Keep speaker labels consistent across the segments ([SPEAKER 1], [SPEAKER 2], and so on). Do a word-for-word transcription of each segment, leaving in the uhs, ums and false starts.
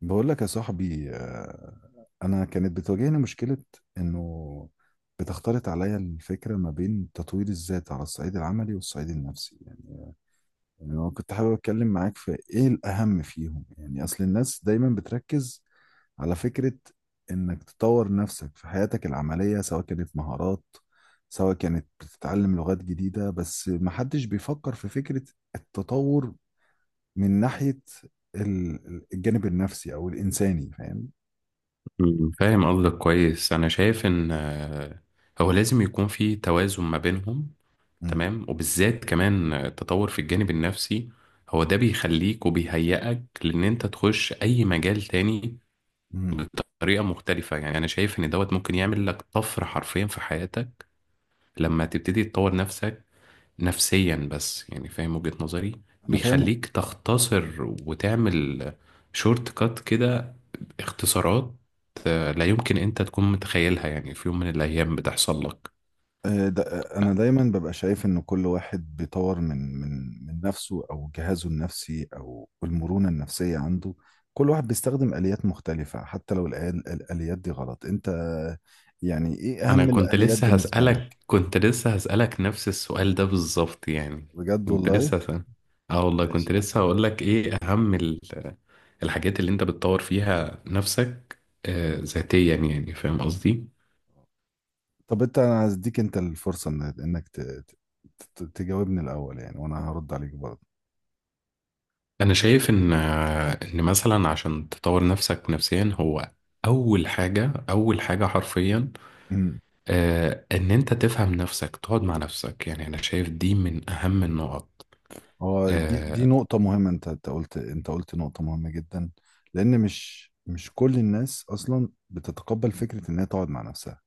[SPEAKER 1] بقول لك يا صاحبي آه، انا كانت بتواجهني مشكله انه بتختلط عليا الفكره ما بين تطوير الذات على الصعيد العملي والصعيد النفسي يعني يعني انا كنت حابب اتكلم معاك في ايه الاهم فيهم يعني اصل الناس دايما بتركز على فكره انك تطور نفسك في حياتك العمليه سواء كانت مهارات سواء كانت بتتعلم لغات جديده بس محدش بيفكر في فكره التطور من ناحية ال- الجانب النفسي أو الإنساني فاهم؟
[SPEAKER 2] مم، فاهم قصدك كويس. انا شايف ان آه، هو لازم يكون في توازن ما بينهم.
[SPEAKER 1] مم.
[SPEAKER 2] تمام، وبالذات كمان آه، التطور في الجانب النفسي هو ده بيخليك وبيهيئك لان انت تخش اي مجال تاني
[SPEAKER 1] مم.
[SPEAKER 2] بطريقة مختلفة. يعني انا شايف ان دوت ممكن يعمل لك طفرة حرفيا في حياتك لما تبتدي تطور نفسك نفسيا، بس يعني فاهم وجهة نظري.
[SPEAKER 1] أنا فاهم.
[SPEAKER 2] بيخليك تختصر وتعمل شورت كات كده، اختصارات. آه، لا يمكن انت تكون متخيلها، يعني في يوم من الايام بتحصل لك.
[SPEAKER 1] آه، دا- آه، أنا دايما ببقى شايف إن كل واحد بيطور من من من نفسه أو جهازه النفسي أو المرونة النفسية عنده. كل واحد بيستخدم آليات مختلفة حتى لو الآل- الآليات دي غلط. أنت يعني إيه
[SPEAKER 2] انا
[SPEAKER 1] أهم
[SPEAKER 2] كنت
[SPEAKER 1] الآليات
[SPEAKER 2] لسه
[SPEAKER 1] بالنسبة لك؟
[SPEAKER 2] هسألك كنت لسه هسألك نفس السؤال ده بالظبط يعني.
[SPEAKER 1] بجد
[SPEAKER 2] كنت
[SPEAKER 1] والله؟
[SPEAKER 2] لسه هسأل. اه والله
[SPEAKER 1] ماشي
[SPEAKER 2] كنت
[SPEAKER 1] يا عم.
[SPEAKER 2] لسه هقول لك ايه اهم ال- الحاجات اللي انت بتطور فيها نفسك آه،
[SPEAKER 1] مم.
[SPEAKER 2] ذاتيا، يعني فاهم قصدي.
[SPEAKER 1] طب أنت، أنا هديك أنت الفرصة إن- إنك ت- ت- ت- تجاوبني الأول يعني، وأنا هرد عليك برضه.
[SPEAKER 2] أنا شايف إن إن مثلا عشان تطور نفسك نفسيا، هو أول حاجة، أول حاجة حرفيا،
[SPEAKER 1] مم.
[SPEAKER 2] آه، إن أنت تفهم نفسك، تقعد مع نفسك. يعني أنا شايف دي من أهم النقط.
[SPEAKER 1] هو دي دي
[SPEAKER 2] آه،
[SPEAKER 1] نقطة مهمة. انت انت قلت انت قلت نقطة مهمة جدا. لأن مش مش كل الناس أصلا بتتقبل فكرة إن هي تقعد مع نفسها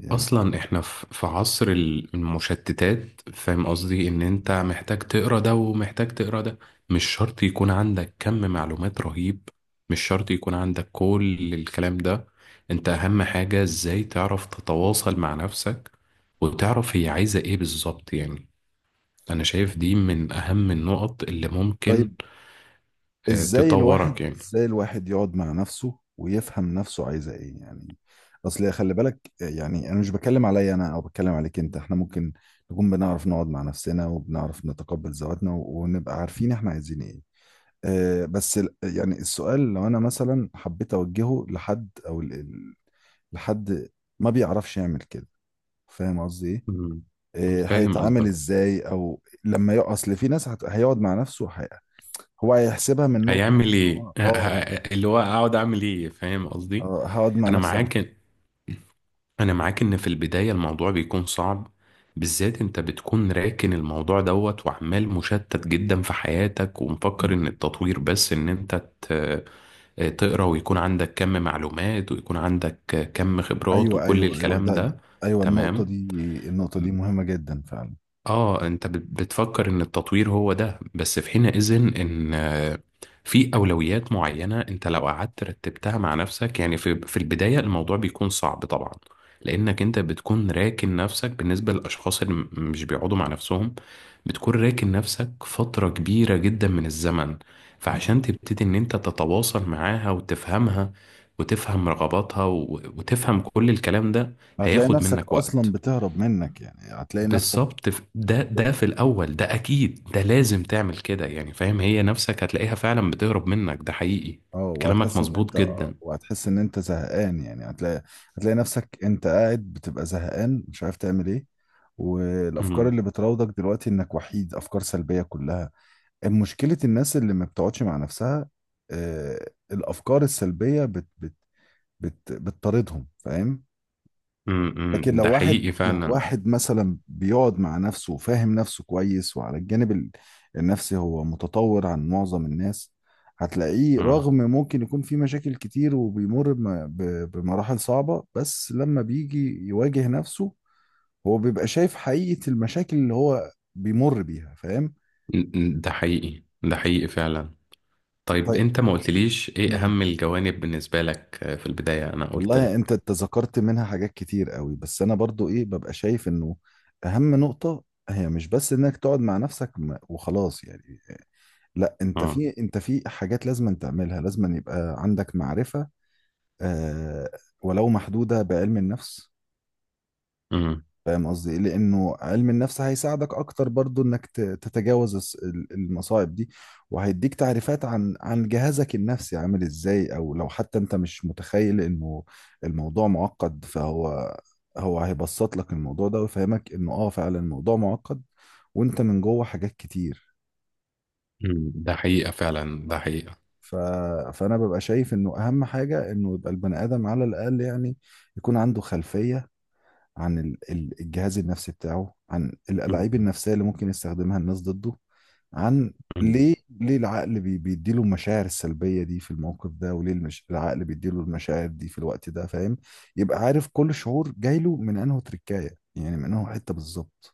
[SPEAKER 1] يعني.
[SPEAKER 2] اصلا احنا ف- في عصر ال- المشتتات، فاهم قصدي؟ ان انت محتاج تقرا ده ومحتاج تقرا ده، مش شرط يكون عندك كم معلومات رهيب، مش شرط يكون عندك كل الكلام ده. انت اهم حاجة ازاي تعرف تتواصل مع نفسك وتعرف هي عايزة ايه بالظبط يعني. انا شايف دي من اهم النقط اللي
[SPEAKER 1] طيب،
[SPEAKER 2] ممكن آه،
[SPEAKER 1] ازاي الواحد
[SPEAKER 2] تطورك يعني.
[SPEAKER 1] ازاي الواحد يقعد مع نفسه ويفهم نفسه عايزة ايه يعني؟ اصل خلي بالك، يعني انا مش بتكلم عليا انا او بتكلم عليك انت، احنا ممكن نكون بنعرف نقعد مع نفسنا وبنعرف نتقبل ذواتنا و- ونبقى عارفين احنا عايزين ايه. آه، بس ال- يعني السؤال لو انا مثلا حبيت اوجهه لحد او ال- ال- لحد ما بيعرفش يعمل كده، فاهم قصدي ايه؟
[SPEAKER 2] مم.
[SPEAKER 1] آه،
[SPEAKER 2] فاهم
[SPEAKER 1] هيتعامل
[SPEAKER 2] قصدك.
[SPEAKER 1] ازاي او لما يقع؟ اصل في ناس هت- هيقعد مع نفسه وهي- هو هيحسبها من نقطة
[SPEAKER 2] هيعمل
[SPEAKER 1] ان
[SPEAKER 2] ايه
[SPEAKER 1] هو
[SPEAKER 2] ه-
[SPEAKER 1] اه،
[SPEAKER 2] ه- اللي هو اقعد اعمل ايه، فاهم قصدي؟
[SPEAKER 1] آه، هقعد مع
[SPEAKER 2] انا
[SPEAKER 1] نفسي أعمل.
[SPEAKER 2] معاك انا معاك ان في البداية الموضوع بيكون صعب، بالذات انت بتكون راكن الموضوع دوت وعمال مشتت جدا في حياتك، ومفكر
[SPEAKER 1] مم.
[SPEAKER 2] ان التطوير بس ان انت ت- تقرا، ويكون عندك كم معلومات ويكون عندك كم خبرات
[SPEAKER 1] ايوه
[SPEAKER 2] وكل
[SPEAKER 1] ايوه ايوه
[SPEAKER 2] الكلام
[SPEAKER 1] ده ده-
[SPEAKER 2] ده.
[SPEAKER 1] ايوه النقطة
[SPEAKER 2] تمام.
[SPEAKER 1] دي، النقطة دي مهمة جدا فعلا.
[SPEAKER 2] اه انت بت- بتفكر ان التطوير هو ده بس، في حينئذ ان آه، في اولويات معينه، انت لو قعدت رتبتها مع نفسك يعني، في في البدايه الموضوع بيكون صعب طبعا، لانك انت بتكون راكن نفسك. بالنسبه للاشخاص اللي م- مش بيقعدوا مع نفسهم، بتكون راكن نفسك فتره كبيره جدا من الزمن،
[SPEAKER 1] مم.
[SPEAKER 2] فعشان تبتدي ان انت تتواصل معاها وتفهمها وتفهم رغباتها و- وتفهم كل الكلام ده
[SPEAKER 1] هتلاقي
[SPEAKER 2] هياخد
[SPEAKER 1] نفسك
[SPEAKER 2] منك
[SPEAKER 1] اصلا
[SPEAKER 2] وقت.
[SPEAKER 1] بتهرب منك، يعني هتلاقي نفسك.
[SPEAKER 2] بالظبط، ف- ده ده في الاول ده اكيد، ده لازم تعمل كده يعني، فاهم؟ هي نفسك هتلاقيها فعلا بتهرب منك، ده حقيقي.
[SPEAKER 1] اه
[SPEAKER 2] كلامك
[SPEAKER 1] وهتحس ان انت
[SPEAKER 2] مظبوط
[SPEAKER 1] آه،
[SPEAKER 2] جدا.
[SPEAKER 1] وهتحس ان انت زهقان، يعني هتلاقي، هتلاقي نفسك انت قاعد بتبقى زهقان مش عارف تعمل ايه. والافكار
[SPEAKER 2] امم
[SPEAKER 1] اللي بتراودك دلوقتي انك وحيد افكار سلبية كلها. مشكلة الناس اللي ما بتقعدش مع نفسها آه، الافكار السلبية بت بت بت بتطاردهم، فاهم؟ لكن
[SPEAKER 2] امم
[SPEAKER 1] لو
[SPEAKER 2] ده
[SPEAKER 1] واحد،
[SPEAKER 2] حقيقي
[SPEAKER 1] لو
[SPEAKER 2] فعلا.
[SPEAKER 1] واحد مثلا بيقعد مع نفسه وفاهم نفسه كويس، وعلى الجانب ال- النفسي هو متطور عن معظم الناس، هتلاقيه
[SPEAKER 2] امم
[SPEAKER 1] رغم ممكن يكون في مشاكل كتير وبيمر بم- ب- بمراحل صعبة، بس لما بيجي يواجه نفسه هو بيبقى شايف حقيقة المشاكل اللي هو بيمر بيها، فاهم؟
[SPEAKER 2] ده حقيقي، ده حقيقي فعلا. طيب
[SPEAKER 1] طيب.
[SPEAKER 2] انت ما قلتليش ايه
[SPEAKER 1] مم.
[SPEAKER 2] اهم الجوانب بالنسبة لك، آه، في البداية انا قلت
[SPEAKER 1] والله
[SPEAKER 2] لك.
[SPEAKER 1] انت تذكرت منها حاجات كتير قوي، بس انا برضو ايه ببقى شايف انه اهم نقطة هي مش بس انك تقعد مع نفسك م- وخلاص يعني. لا، انت
[SPEAKER 2] اه.
[SPEAKER 1] في، انت في حاجات لازم أن تعملها، لازم أن يبقى عندك معرفة آه ولو محدودة بعلم النفس.
[SPEAKER 2] امم.
[SPEAKER 1] فاهم قصدي إيه؟ لانه علم النفس هيساعدك اكتر برضو انك ت- تتجاوز الس- ال- المصاعب دي، وهيديك تعريفات عن عن جهازك النفسي عامل ازاي. او لو حتى انت مش متخيل انه الموضوع معقد، فهو، هو هيبسط لك الموضوع ده ويفهمك انه اه فعلا الموضوع معقد، وانت من جوه حاجات كتير.
[SPEAKER 2] أمم. ده حقيقة فعلا، ده حقيقة.
[SPEAKER 1] ف... فانا ببقى شايف انه اهم حاجه انه يبقى البني ادم على الاقل يعني يكون عنده خلفيه عن ال- ال- الجهاز النفسي بتاعه، عن الالاعيب
[SPEAKER 2] امم.
[SPEAKER 1] النفسيه اللي ممكن يستخدمها الناس ضده، عن
[SPEAKER 2] امم.
[SPEAKER 1] ليه، ليه العقل بي... بيديله المشاعر السلبيه دي في الموقف ده، وليه المش... العقل بيديله المشاعر دي في الوقت ده، فاهم؟ يبقى عارف كل شعور جاي له من انه تركايه يعني، من انه حته بالظبط.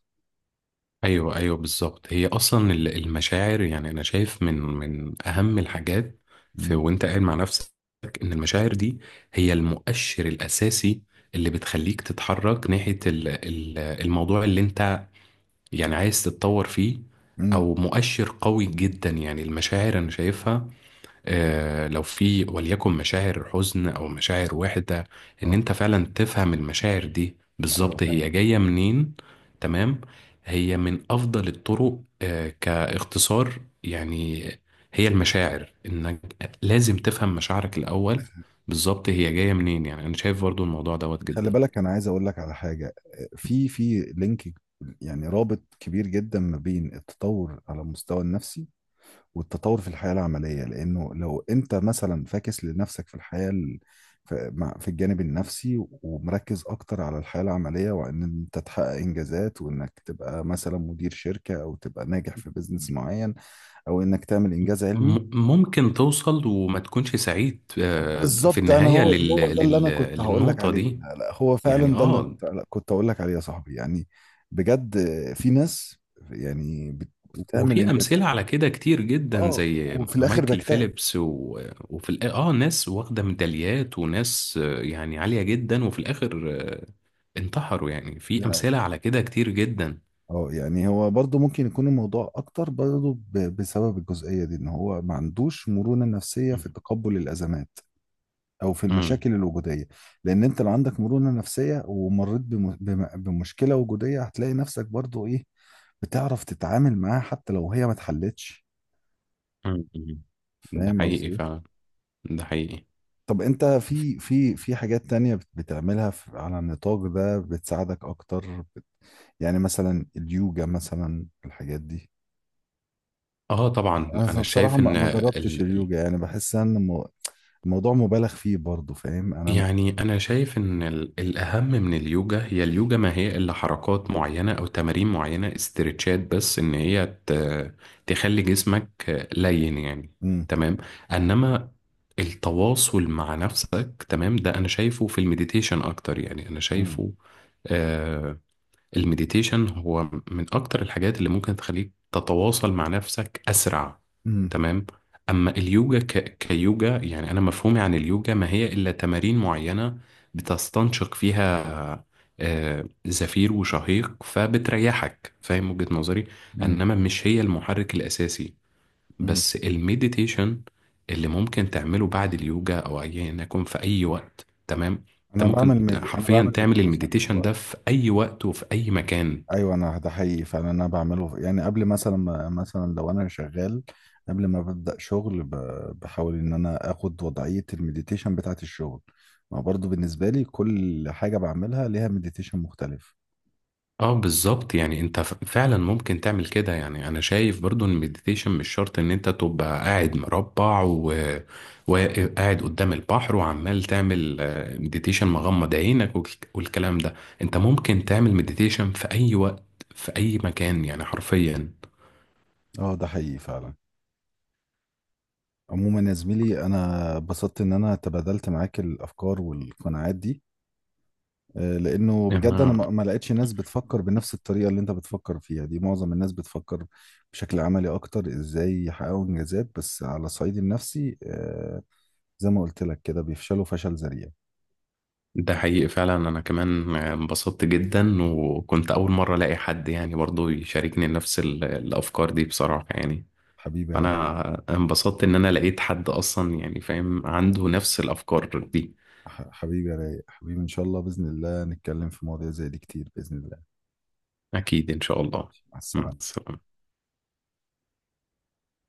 [SPEAKER 2] ايوه ايوه، بالظبط. هي اصلا ال- المشاعر، يعني انا شايف من من اهم الحاجات في
[SPEAKER 1] امم.
[SPEAKER 2] وانت قاعد مع نفسك ان المشاعر دي هي المؤشر الاساسي اللي بتخليك تتحرك ناحيه ال- ال- الموضوع اللي انت يعني عايز تتطور فيه،
[SPEAKER 1] امم.
[SPEAKER 2] او مؤشر قوي جدا. يعني المشاعر انا شايفها، آه، لو في وليكن مشاعر حزن او مشاعر وحدة، ان
[SPEAKER 1] اه،
[SPEAKER 2] انت فعلا تفهم المشاعر دي
[SPEAKER 1] ايوه
[SPEAKER 2] بالظبط
[SPEAKER 1] فاهم.
[SPEAKER 2] هي جاية منين. تمام. هي من افضل الطرق آه، كاختصار يعني، هي المشاعر، انك لازم تفهم مشاعرك الاول بالظبط هي جاية منين. يعني انا شايف برضو الموضوع دوت
[SPEAKER 1] خلي
[SPEAKER 2] جدا.
[SPEAKER 1] بالك، انا عايز اقول لك على حاجه. في في لينك يعني رابط كبير جدا ما بين التطور على المستوى النفسي والتطور في الحياه العمليه، لانه لو انت مثلا فاكس لنفسك في الحياه ال- في مع- في الجانب النفسي ومركز اكتر على الحياه العمليه، وان انت تحقق انجازات، وانك تبقى مثلا مدير شركه او تبقى ناجح في بيزنس معين، او انك تعمل انجاز علمي.
[SPEAKER 2] م- ممكن توصل وما تكونش سعيد آه، في
[SPEAKER 1] بالظبط، انا
[SPEAKER 2] النهاية
[SPEAKER 1] هو
[SPEAKER 2] لل...
[SPEAKER 1] هو ده اللي
[SPEAKER 2] لل...
[SPEAKER 1] انا كنت هقول لك
[SPEAKER 2] للنقطة
[SPEAKER 1] عليه.
[SPEAKER 2] دي
[SPEAKER 1] لا لا، هو
[SPEAKER 2] يعني.
[SPEAKER 1] فعلا ده اللي انا
[SPEAKER 2] اه
[SPEAKER 1] كنت كنت هقول لك عليه يا صاحبي يعني. بجد. في ناس يعني بت- بتعمل
[SPEAKER 2] وفي
[SPEAKER 1] انجازات
[SPEAKER 2] امثله على كده كتير جدا،
[SPEAKER 1] اه،
[SPEAKER 2] زي
[SPEAKER 1] وفي الاخر
[SPEAKER 2] مايكل
[SPEAKER 1] بكتئب.
[SPEAKER 2] فيليبس و... وفي الآ- اه ناس واخده ميداليات، وناس آه، يعني عاليه جدا، وفي الاخر آه، انتحروا، يعني في
[SPEAKER 1] لا،
[SPEAKER 2] امثله على كده كتير جدا.
[SPEAKER 1] اه يعني هو برضو ممكن يكون الموضوع اكتر برضو ب- بسبب الجزئية دي، ان هو ما عندوش مرونة نفسية في
[SPEAKER 2] مم.
[SPEAKER 1] تقبل الازمات او في
[SPEAKER 2] مم.
[SPEAKER 1] المشاكل الوجودية. لان انت لو عندك مرونة نفسية ومريت بم- بم- بمشكلة وجودية، هتلاقي نفسك برضو ايه، بتعرف تتعامل معاها حتى لو هي ما اتحلتش،
[SPEAKER 2] مم. مم. ده
[SPEAKER 1] فاهم قصدي
[SPEAKER 2] حقيقي
[SPEAKER 1] ايه؟
[SPEAKER 2] فعلا، ده حقيقي.
[SPEAKER 1] طب انت في في في حاجات تانية بت- بتعملها في- على النطاق ده بتساعدك اكتر بت... يعني مثلا اليوجا مثلا، الحاجات دي.
[SPEAKER 2] اه طبعا،
[SPEAKER 1] انا
[SPEAKER 2] انا
[SPEAKER 1] بصراحة
[SPEAKER 2] شايف
[SPEAKER 1] ما
[SPEAKER 2] ان
[SPEAKER 1] ما جربتش
[SPEAKER 2] ال-
[SPEAKER 1] اليوجا، يعني بحس ان المو- الموضوع مبالغ فيه برضو، فاهم انا؟
[SPEAKER 2] يعني أنا شايف إن ال- الأهم من اليوجا، هي اليوجا ما هي إلا حركات معينة أو تمارين معينة، استرتشات بس، إن هي ت- تخلي جسمك لين يعني.
[SPEAKER 1] امم.
[SPEAKER 2] تمام. إنما التواصل مع نفسك، تمام، ده أنا شايفه في المديتيشن أكتر. يعني أنا
[SPEAKER 1] امم.
[SPEAKER 2] شايفه آه، المديتيشن هو من أكتر الحاجات اللي ممكن تخليك تتواصل مع نفسك أسرع.
[SPEAKER 1] امم.
[SPEAKER 2] تمام. أما اليوجا ك... كيوجا، يعني أنا مفهومي عن اليوجا ما هي إلا تمارين معينة بتستنشق فيها آه، زفير وشهيق، فبتريحك، فاهم وجهة نظري؟ إنما مش هي المحرك الأساسي،
[SPEAKER 1] امم.
[SPEAKER 2] بس المديتيشن اللي ممكن تعمله بعد اليوجا او ايا يكن في اي وقت. تمام. انت
[SPEAKER 1] انا
[SPEAKER 2] ممكن
[SPEAKER 1] بعمل ميدي... انا
[SPEAKER 2] حرفيا
[SPEAKER 1] بعمل
[SPEAKER 2] تعمل
[SPEAKER 1] مديتيشن طول
[SPEAKER 2] المديتيشن ده
[SPEAKER 1] الوقت.
[SPEAKER 2] في اي وقت وفي اي مكان.
[SPEAKER 1] ايوه انا، ده حقيقي فعلا انا بعمله يعني قبل مثلا ما، مثلا لو انا شغال قبل ما ببدأ شغل ب- بحاول ان انا اخد وضعية المديتيشن بتاعت الشغل. ما برضو بالنسبة لي كل حاجة بعملها ليها مديتيشن مختلف.
[SPEAKER 2] اه بالظبط، يعني انت ف- فعلا ممكن تعمل كده. يعني انا شايف برضو ان المديتيشن مش شرط ان انت تبقى قاعد مربع و... وقاعد قدام البحر وعمال تعمل آه، مديتيشن مغمض عينك والك- والكلام ده. انت ممكن تعمل مديتيشن في اي وقت في اي مكان يعني حرفيا.
[SPEAKER 1] اه ده حقيقي فعلا. عموما يا زميلي، انا اتبسطت ان انا تبادلت معاك الافكار والقناعات دي، آه، لانه
[SPEAKER 2] يعني
[SPEAKER 1] بجد انا ما ما لقيتش ناس بتفكر بنفس الطريقه اللي انت بتفكر فيها دي. معظم الناس بتفكر بشكل عملي اكتر، ازاي يحققوا انجازات، بس على الصعيد النفسي آه، زي ما قلت لك كده بيفشلوا فشل ذريع.
[SPEAKER 2] ده حقيقي فعلا. انا كمان انبسطت جدا، وكنت اول مره الاقي حد يعني برضو يشاركني نفس ال- الافكار دي بصراحه يعني.
[SPEAKER 1] حبيبي يا رايق.
[SPEAKER 2] فانا انبسطت ان انا لقيت حد اصلا يعني فاهم عنده نفس الافكار دي.
[SPEAKER 1] ح- حبيبي يا رايق، حبيبي ان شاء الله باذن الله نتكلم في مواضيع زي دي كتير باذن الله.
[SPEAKER 2] اكيد ان شاء الله.
[SPEAKER 1] مع
[SPEAKER 2] مع
[SPEAKER 1] السلامه.
[SPEAKER 2] السلامه.